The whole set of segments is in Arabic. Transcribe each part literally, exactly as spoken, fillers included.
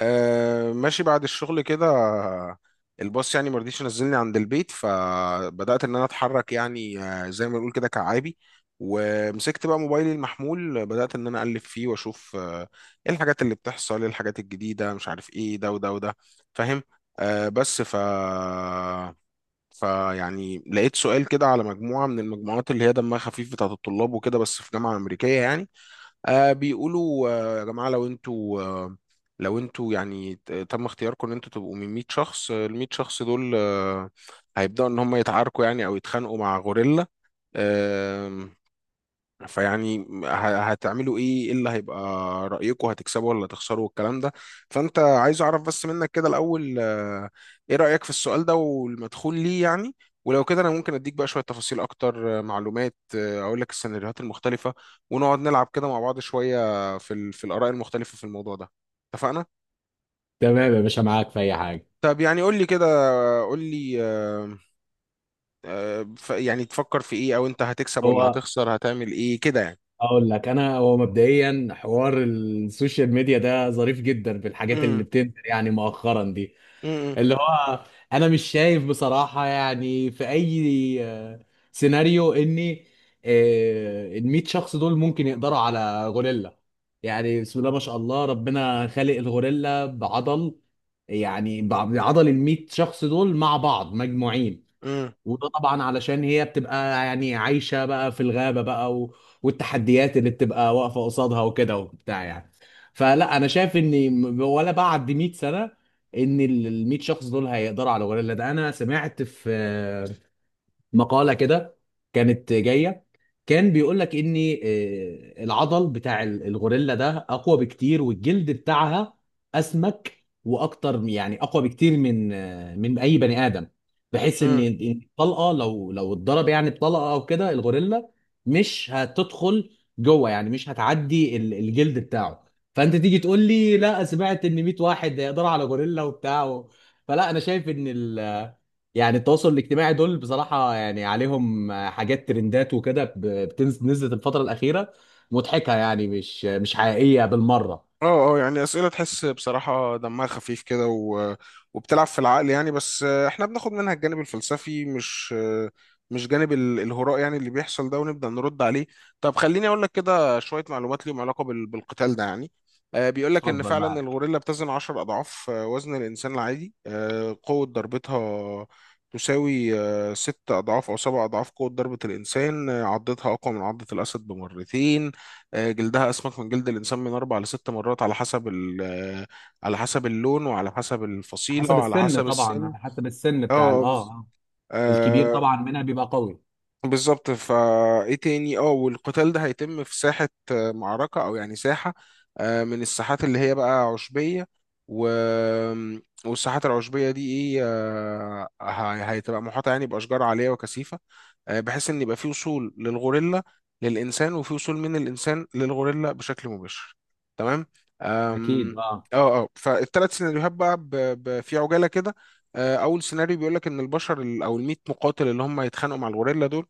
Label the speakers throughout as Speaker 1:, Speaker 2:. Speaker 1: أه ماشي بعد الشغل كده. الباص يعني ما رضيش ينزلني عند البيت، فبدأت ان انا اتحرك، يعني آه، زي ما نقول كده كعابي. ومسكت بقى موبايلي المحمول، بدأت ان انا اقلب فيه واشوف آه، ايه الحاجات اللي بتحصل، ايه الحاجات الجديدة، مش عارف ايه ده وده وده. فاهم؟ أه بس ف فيعني لقيت سؤال كده على مجموعة من المجموعات اللي هي دمها خفيف بتاعت الطلاب وكده، بس في جامعة أمريكية يعني. آه بيقولوا آه يا جماعة، لو انتوا آه لو انتوا يعني ت- تم اختياركم ان انتوا تبقوا من مئة شخص، آه، ال مئة شخص دول آه هيبدأوا ان هم يتعاركوا، يعني او يتخانقوا مع غوريلا. فيعني ه- هتعملوا ايه؟ ايه اللي هيبقى رأيكم، هتكسبوا ولا تخسروا والكلام ده؟ فانت عايز اعرف بس منك كده الاول، آه، ايه رأيك في السؤال ده والمدخول ليه يعني؟ ولو كده انا ممكن اديك بقى شوية تفاصيل اكتر، آه، معلومات، آه، اقول لك السيناريوهات المختلفة، ونقعد نلعب كده مع بعض شوية في ال- في الآراء المختلفة في الموضوع ده. اتفقنا؟
Speaker 2: تمام يا باشا، معاك في اي حاجه.
Speaker 1: طب يعني قول لي كده، قول لي آه، آه، ف- يعني تفكر في ايه، او انت هتكسب ولا
Speaker 2: هو
Speaker 1: هتخسر، هتعمل ايه كده يعني؟
Speaker 2: اقول لك انا، هو مبدئيا حوار السوشيال ميديا ده ظريف جدا في الحاجات اللي
Speaker 1: امم.
Speaker 2: بتنزل يعني مؤخرا دي.
Speaker 1: امم.
Speaker 2: اللي هو انا مش شايف بصراحه يعني في اي آه، سيناريو اني آه، ال مية شخص دول ممكن يقدروا على غوريلا. يعني بسم الله ما شاء الله، ربنا خالق الغوريلا بعضل، يعني بع- بعضل ال مية شخص دول مع بعض مجموعين.
Speaker 1: امم.
Speaker 2: وده طبعا علشان هي بتبقى يعني عايشة بقى في الغابة بقى و... والتحديات اللي بتبقى واقفة قصادها وكده وبتاع يعني. فلا أنا شايف إن م- ولا بعد مئة سنة إن ال ال مية شخص دول هيقدروا على الغوريلا ده. أنا سمعت في مقالة كده كانت جاية، كان بيقول لك ان آه، العضل بتاع ال- الغوريلا ده اقوى بكتير، والجلد بتاعها اسمك واكتر يعني اقوى بكتير من آه، من اي بني ادم، بحيث ان
Speaker 1: امم.
Speaker 2: إن الطلقة لو لو اتضرب يعني بطلقة او كده، الغوريلا مش هتدخل جوه، يعني مش هتعدي ال- الجلد بتاعه. فانت تيجي تقول لي لا سمعت ان مية واحد يقدروا على غوريلا وبتاع. فلا انا شايف ان يعني التواصل الاجتماعي دول بصراحة يعني عليهم حاجات ترندات وكده ب- بتنزل، نزلت الفترة الأخيرة، مضحكة يعني مش مش حقيقية بالمرة.
Speaker 1: اه، اه، يعني اسئله تحس بصراحه دمها خفيف كده، و... وبتلعب في العقل يعني. بس آه، احنا بناخد منها الجانب الفلسفي، مش آه، مش جانب ال- الهراء يعني اللي بيحصل ده، ونبدا نرد عليه. طب خليني اقول لك كده شويه معلومات ليهم علاقه بال... بالقتال ده يعني. آه، بيقول لك ان
Speaker 2: اتفضل،
Speaker 1: فعلا
Speaker 2: معاك.
Speaker 1: الغوريلا بتزن عشر اضعاف آه، وزن الانسان العادي. آه، قوه ضربتها تساوي آه، ست أضعاف أو سبع أضعاف قوة ضربة الإنسان. آه، عضتها أقوى من عضة الأسد بمرتين. آه، جلدها اسمك من جلد الانسان من اربع لست مرات على حسب ال- آه، على حسب اللون وعلى حسب الفصيله
Speaker 2: حسب
Speaker 1: وعلى
Speaker 2: السن،
Speaker 1: حسب
Speaker 2: طبعا
Speaker 1: السن.
Speaker 2: على حسب السن
Speaker 1: اه
Speaker 2: بتاع ال-
Speaker 1: آه،
Speaker 2: اه
Speaker 1: بز-
Speaker 2: آه. الكبير
Speaker 1: آه،
Speaker 2: طبعا منها بيبقى قوي.
Speaker 1: بالظبط. فايه تاني؟ اه، والقتال ده هيتم في ساحه، آه، معركه، او يعني ساحه آه، من الساحات اللي هي بقى عشبيه. و... والساحات العشبيه دي ايه، آه، هي- هتبقى محاطه يعني باشجار عاليه وكثيفه، آه، بحيث ان يبقى في وصول للغوريلا للانسان وفي وصول من الانسان للغوريلا بشكل مباشر. تمام.
Speaker 2: اكيد،
Speaker 1: أم،
Speaker 2: اه.
Speaker 1: اه، اه، فالثلاث سيناريوهات بقى ب... ب... في عجاله كده. آه، اول سيناريو بيقول لك ان البشر ال- او ال مية مقاتل اللي هم هيتخانقوا مع الغوريلا دول،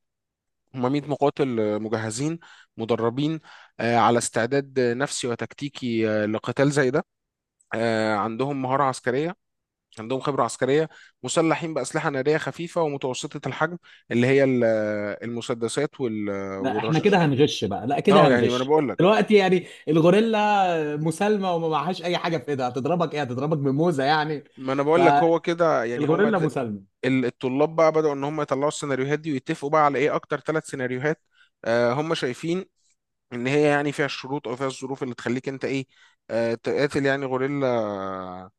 Speaker 1: هم مية مقاتل آه، مجهزين، مدربين، آه، على استعداد آه، نفسي وتكتيكي، آه، لقتال زي ده. آه، عندهم مهاره عسكريه، عندهم خبرة عسكرية، مسلحين بأسلحة نارية خفيفة ومتوسطة الحجم، اللي هي ال- المسدسات وال-
Speaker 2: لا احنا
Speaker 1: والرشاش.
Speaker 2: كده هنغش بقى، لا كده
Speaker 1: اه، يعني ما انا
Speaker 2: هنغش
Speaker 1: بقول لك
Speaker 2: دلوقتي، يعني الغوريلا مسالمة وما معهاش اي حاجة في ايدها، هتضربك ايه؟ هتضربك بموزة يعني.
Speaker 1: ما انا بقول لك هو كده يعني. هما
Speaker 2: فالغوريلا
Speaker 1: د-
Speaker 2: مسالمة.
Speaker 1: ال- الطلاب بقى بدأوا ان هم يطلعوا السيناريوهات دي، ويتفقوا بقى على ايه اكتر ثلاث سيناريوهات آه هم شايفين ان هي يعني فيها الشروط او فيها الظروف اللي تخليك انت ايه، آه تقاتل يعني غوريلا،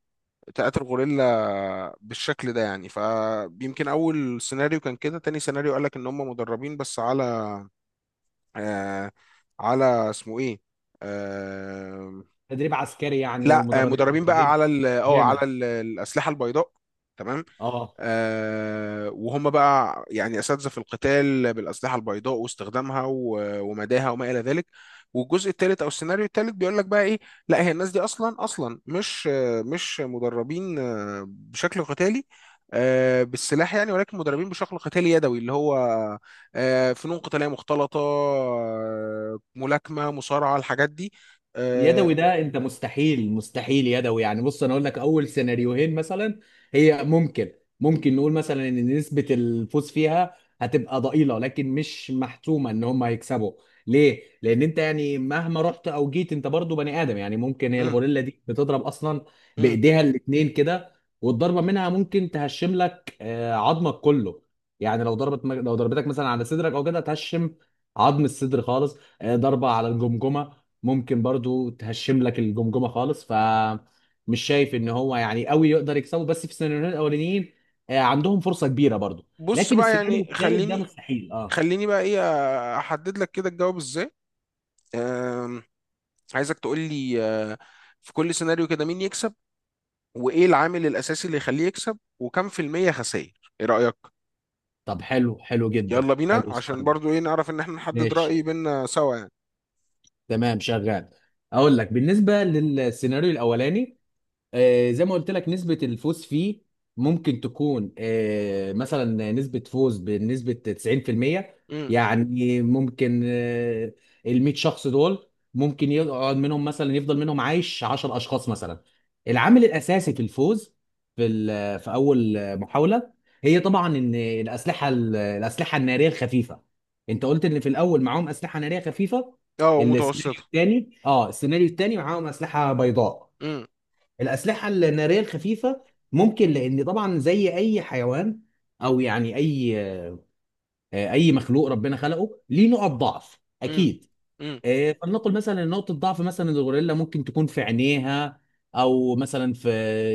Speaker 1: تقاتل غوريلا بالشكل ده يعني. فيمكن اول سيناريو كان كده. تاني سيناريو قال لك ان هم مدربين بس على آه على اسمه ايه، آه
Speaker 2: تدريب عسكري يعني،
Speaker 1: لا آه
Speaker 2: ومدربين
Speaker 1: مدربين بقى
Speaker 2: تدريب
Speaker 1: على ال- اه على
Speaker 2: جامد.
Speaker 1: ال- الاسلحه البيضاء. تمام.
Speaker 2: اه.
Speaker 1: آه، وهم بقى يعني أساتذة في القتال بالأسلحة البيضاء واستخدامها و- ومداها وما إلى ذلك. والجزء الثالث أو السيناريو الثالث بيقول لك بقى إيه؟ لا، هي الناس دي أصلا أصلا مش آه، مش مدربين آه، بشكل قتالي آه، بالسلاح يعني، ولكن مدربين بشكل قتالي يدوي اللي هو آه، فنون قتالية مختلطة، آه، ملاكمة، مصارعة، الحاجات دي. آه،
Speaker 2: يدوي ده انت؟ مستحيل مستحيل يدوي يعني. بص، انا اقول لك اول سيناريوهين مثلا هي ممكن، ممكن نقول مثلا ان نسبة الفوز فيها هتبقى ضئيلة، لكن مش محتومة ان هم هيكسبوا. ليه؟ لان انت يعني مهما رحت او جيت انت برضو بني ادم، يعني ممكن هي
Speaker 1: مم.
Speaker 2: الغوريلا دي بتضرب اصلا
Speaker 1: مم.
Speaker 2: بايديها الاتنين كده، والضربة منها ممكن تهشم لك آه، عظمك كله. يعني لو ضربت لو ضربتك مثلا على صدرك او كده، تهشم عظم الصدر خالص. آه، ضربة على الجمجمة ممكن برضو تهشم لك الجمجمه خالص. ف مش شايف ان هو يعني قوي يقدر يكسبه، بس في السيناريوهين الاولانيين آه، عندهم فرصه كبيره برضو،
Speaker 1: بص
Speaker 2: لكن
Speaker 1: بقى
Speaker 2: السيناريو
Speaker 1: يعني،
Speaker 2: الثالث ده
Speaker 1: خليني
Speaker 2: مستحيل، اه.
Speaker 1: خليني بقى ايه، احدد لك كده الجواب ازاي. آم، عايزك تقول لي آه، في كل سيناريو كده مين يكسب، وايه العامل الاساسي اللي يخليه يكسب، وكم في المية خسائر، ايه رأيك؟
Speaker 2: طب حلو، حلو جدا،
Speaker 1: يلا بينا
Speaker 2: حلو
Speaker 1: عشان
Speaker 2: السؤال ده.
Speaker 1: برضو ايه نعرف ان احنا نحدد رأي
Speaker 2: ماشي،
Speaker 1: بينا سوا يعني.
Speaker 2: تمام، شغال. اقول لك بالنسبه للسيناريو الاولاني، آه، زي ما قلت لك نسبة الفوز فيه ممكن تكون آه، مثلا نسبة فوز بنسبة تسعين في المية.
Speaker 1: امم.
Speaker 2: يعني ممكن آه، ال مية شخص دول ممكن يقعد منهم مثلا، يفضل منهم عايش 10 أشخاص مثلا. العامل الأساسي في الفوز في ال- في أول محاولة، هي طبعا إن الأسلحة ال- الأسلحة النارية الخفيفة. أنت قلت إن في الأول معاهم أسلحة نارية خفيفة.
Speaker 1: اه،
Speaker 2: السيناريو
Speaker 1: ومتوسطة.
Speaker 2: الثاني اه السيناريو الثاني معاهم أسلحة بيضاء.
Speaker 1: امم.
Speaker 2: الأسلحة النارية الخفيفة ممكن، لأن طبعا زي أي حيوان أو يعني أي آه، أي مخلوق ربنا خلقه ليه نقط ضعف
Speaker 1: امم.
Speaker 2: أكيد.
Speaker 1: امم.
Speaker 2: إيه، فلنقل مثلا إن نقطة ضعف مثلا الغوريلا ممكن تكون في عينيها، أو مثلا في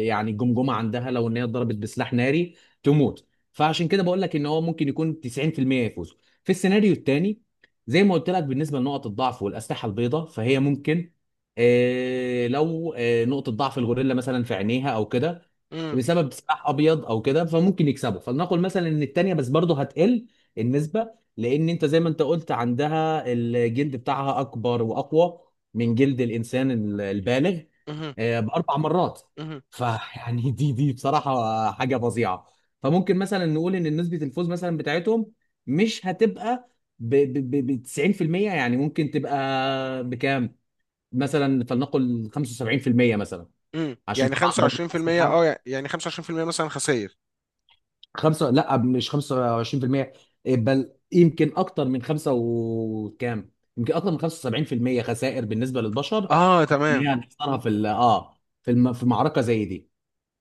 Speaker 2: يعني الجمجمة عندها، لو إن هي اتضربت بسلاح ناري تموت. فعشان كده بقول لك إن هو ممكن يكون تسعين في المية يفوز. في السيناريو الثاني، زي ما قلت لك بالنسبة لنقط الضعف والأسلحة البيضاء، فهي ممكن، إيه، لو إيه، نقطة ضعف الغوريلا مثلا في عينيها أو كده،
Speaker 1: امم.
Speaker 2: بسبب سلاح ابيض او كده، فممكن يكسبوا. فلنقل مثلا ان التانيه بس برضه هتقل النسبه، لان انت زي ما انت قلت عندها الجلد بتاعها اكبر واقوى من جلد الانسان ال- البالغ
Speaker 1: امم.
Speaker 2: آه، باربع مرات.
Speaker 1: امم.
Speaker 2: فيعني دي دي بصراحه حاجه فظيعه. فممكن مثلا نقول ان نسبه الفوز مثلا بتاعتهم مش هتبقى ب ب- ب- تسعين بالمية، يعني ممكن تبقى بكام؟ مثلا فلنقل خمسة وسبعين في المية مثلا،
Speaker 1: امم،
Speaker 2: عشان
Speaker 1: يعني
Speaker 2: طبعا برضو
Speaker 1: خمسة وعشرين في المية.
Speaker 2: الاسلحه.
Speaker 1: اه، يعني خمسة وعشرين في المية مثلا خسائر.
Speaker 2: خمسة، لا مش خمسة وعشرين في المية، بل يمكن اكتر من خمسة وكام، يمكن اكتر من خمسة وسبعين في المية خسائر بالنسبة للبشر
Speaker 1: اه،
Speaker 2: اللي هي
Speaker 1: تمام.
Speaker 2: هنخسرها في ال- اه في الم... في معركة زي دي.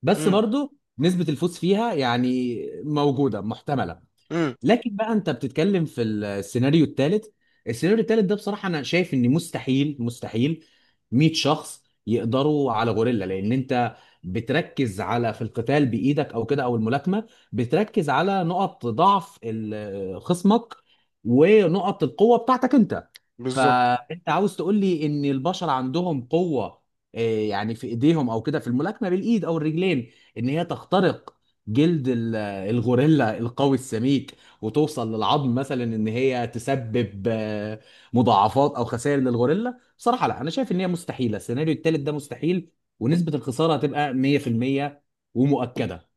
Speaker 2: بس
Speaker 1: امم.
Speaker 2: برضو نسبة الفوز فيها يعني موجودة، محتملة.
Speaker 1: امم.
Speaker 2: لكن بقى انت بتتكلم في السيناريو الثالث. السيناريو الثالث ده بصراحه انا شايف ان مستحيل، مستحيل مية شخص يقدروا على غوريلا، لان انت بتركز على في القتال بايدك او كده او الملاكمه، بتركز على نقط ضعف ال- خصمك ونقط القوه بتاعتك انت.
Speaker 1: بالظبط.
Speaker 2: فانت عاوز تقول لي ان البشر عندهم قوه، آه، يعني في ايديهم او كده، في الملاكمه بالايد او الرجلين، ان هي تخترق جلد ال- الغوريلا القوي السميك وتوصل للعظم، مثلا ان هي تسبب آه، مضاعفات او خسائر للغوريلا. بصراحه لا، انا شايف ان هي مستحيله، السيناريو الثالث ده مستحيل ونسبه الخساره هتبقى مية في المية ومؤكده.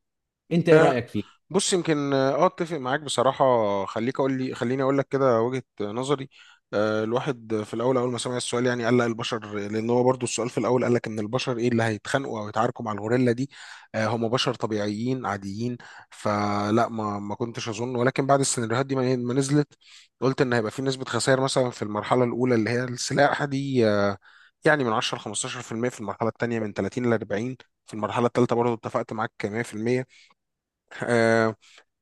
Speaker 2: انت ايه رايك فيه؟
Speaker 1: بص، يمكن اه اتفق معاك بصراحة. خليك اقول لي خليني اقول لك كده وجهة نظري. آه، الواحد في الاول اول ما سمع السؤال يعني قال لا البشر، لان هو برضو السؤال في الاول قال لك ان البشر ايه اللي هيتخانقوا او يتعاركوا مع الغوريلا دي، آه، هم بشر طبيعيين عاديين. فلا ما ما كنتش اظن، ولكن بعد السيناريوهات دي ما ما نزلت، قلت ان هيبقى في نسبة خسائر مثلا في المرحلة الاولى اللي هي السلاح دي آه، يعني من عشر خمسة عشر في المية في المية، في المرحلة الثانية من تلاتين ل اربعين، في المرحلة الثالثة برضه اتفقت معاك مئة في المية.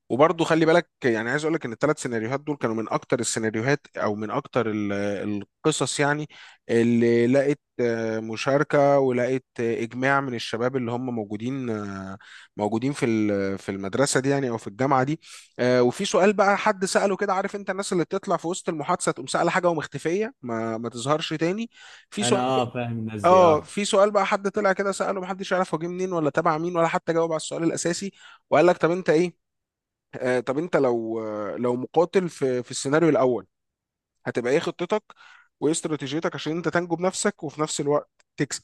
Speaker 1: وبرضه خلي بالك يعني عايز اقول لك ان الثلاث سيناريوهات دول كانوا من اكتر السيناريوهات، او من اكتر ال- القصص يعني، اللي لقت آه، مشاركة، ولقت آه، اجماع من الشباب اللي هم موجودين، آه، موجودين في ال- في المدرسة دي يعني، او في الجامعة دي. آه، وفي سؤال بقى حد سأله كده، عارف انت الناس اللي بتطلع في وسط المحادثة تقوم سأل حاجة ومختفية، ما ما تظهرش تاني. في
Speaker 2: انا،
Speaker 1: سؤال بقى-
Speaker 2: اه، فاهم الناس دي،
Speaker 1: اه،
Speaker 2: اه.
Speaker 1: في سؤال بقى حد طلع كده سأله، محدش يعرف هو جه منين، ولا تبع مين، ولا حتى جاوب على السؤال الأساسي. وقال لك طب انت ايه، آه، طب انت لو آه، لو مقاتل في في السيناريو الاول، هتبقى ايه خطتك وايه استراتيجيتك عشان انت تنجو بنفسك وفي نفس الوقت تكسب؟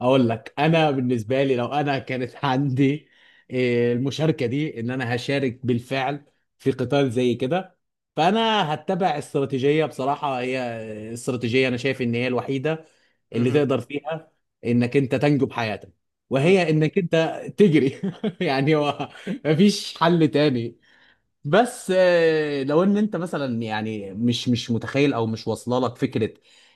Speaker 2: اقول لك
Speaker 1: مم.
Speaker 2: انا بالنسبه لي، لو انا كانت عندي آه، المشاركه دي، ان انا هشارك بالفعل في قتال زي كده، فانا هتبع استراتيجيه بصراحه، هي آه، استراتيجيه انا شايف ان هي الوحيده اللي
Speaker 1: مهم.
Speaker 2: تقدر فيها انك انت تنجو بحياتك،
Speaker 1: مم.
Speaker 2: وهي انك انت تجري يعني. هو مفيش حل تاني. بس آه، لو ان انت مثلا يعني مش مش متخيل او مش واصله لك فكره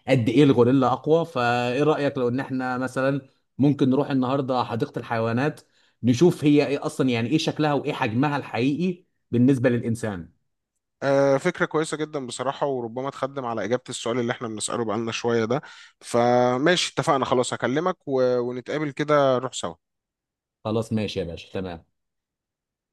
Speaker 2: قد ايه الغوريلا اقوى، فايه رايك لو ان احنا مثلا ممكن نروح النهارده حديقه الحيوانات، نشوف هي ايه اصلا، يعني ايه شكلها وايه حجمها الحقيقي بالنسبه للانسان.
Speaker 1: آه، فكرة كويسة جدا بصراحة، وربما تخدم على إجابة السؤال اللي احنا بنسأله بقالنا شوية ده. فماشي، اتفقنا خلاص، هكلمك و- ونتقابل كده نروح سوا.
Speaker 2: خلاص ماشي يا باشا، تمام.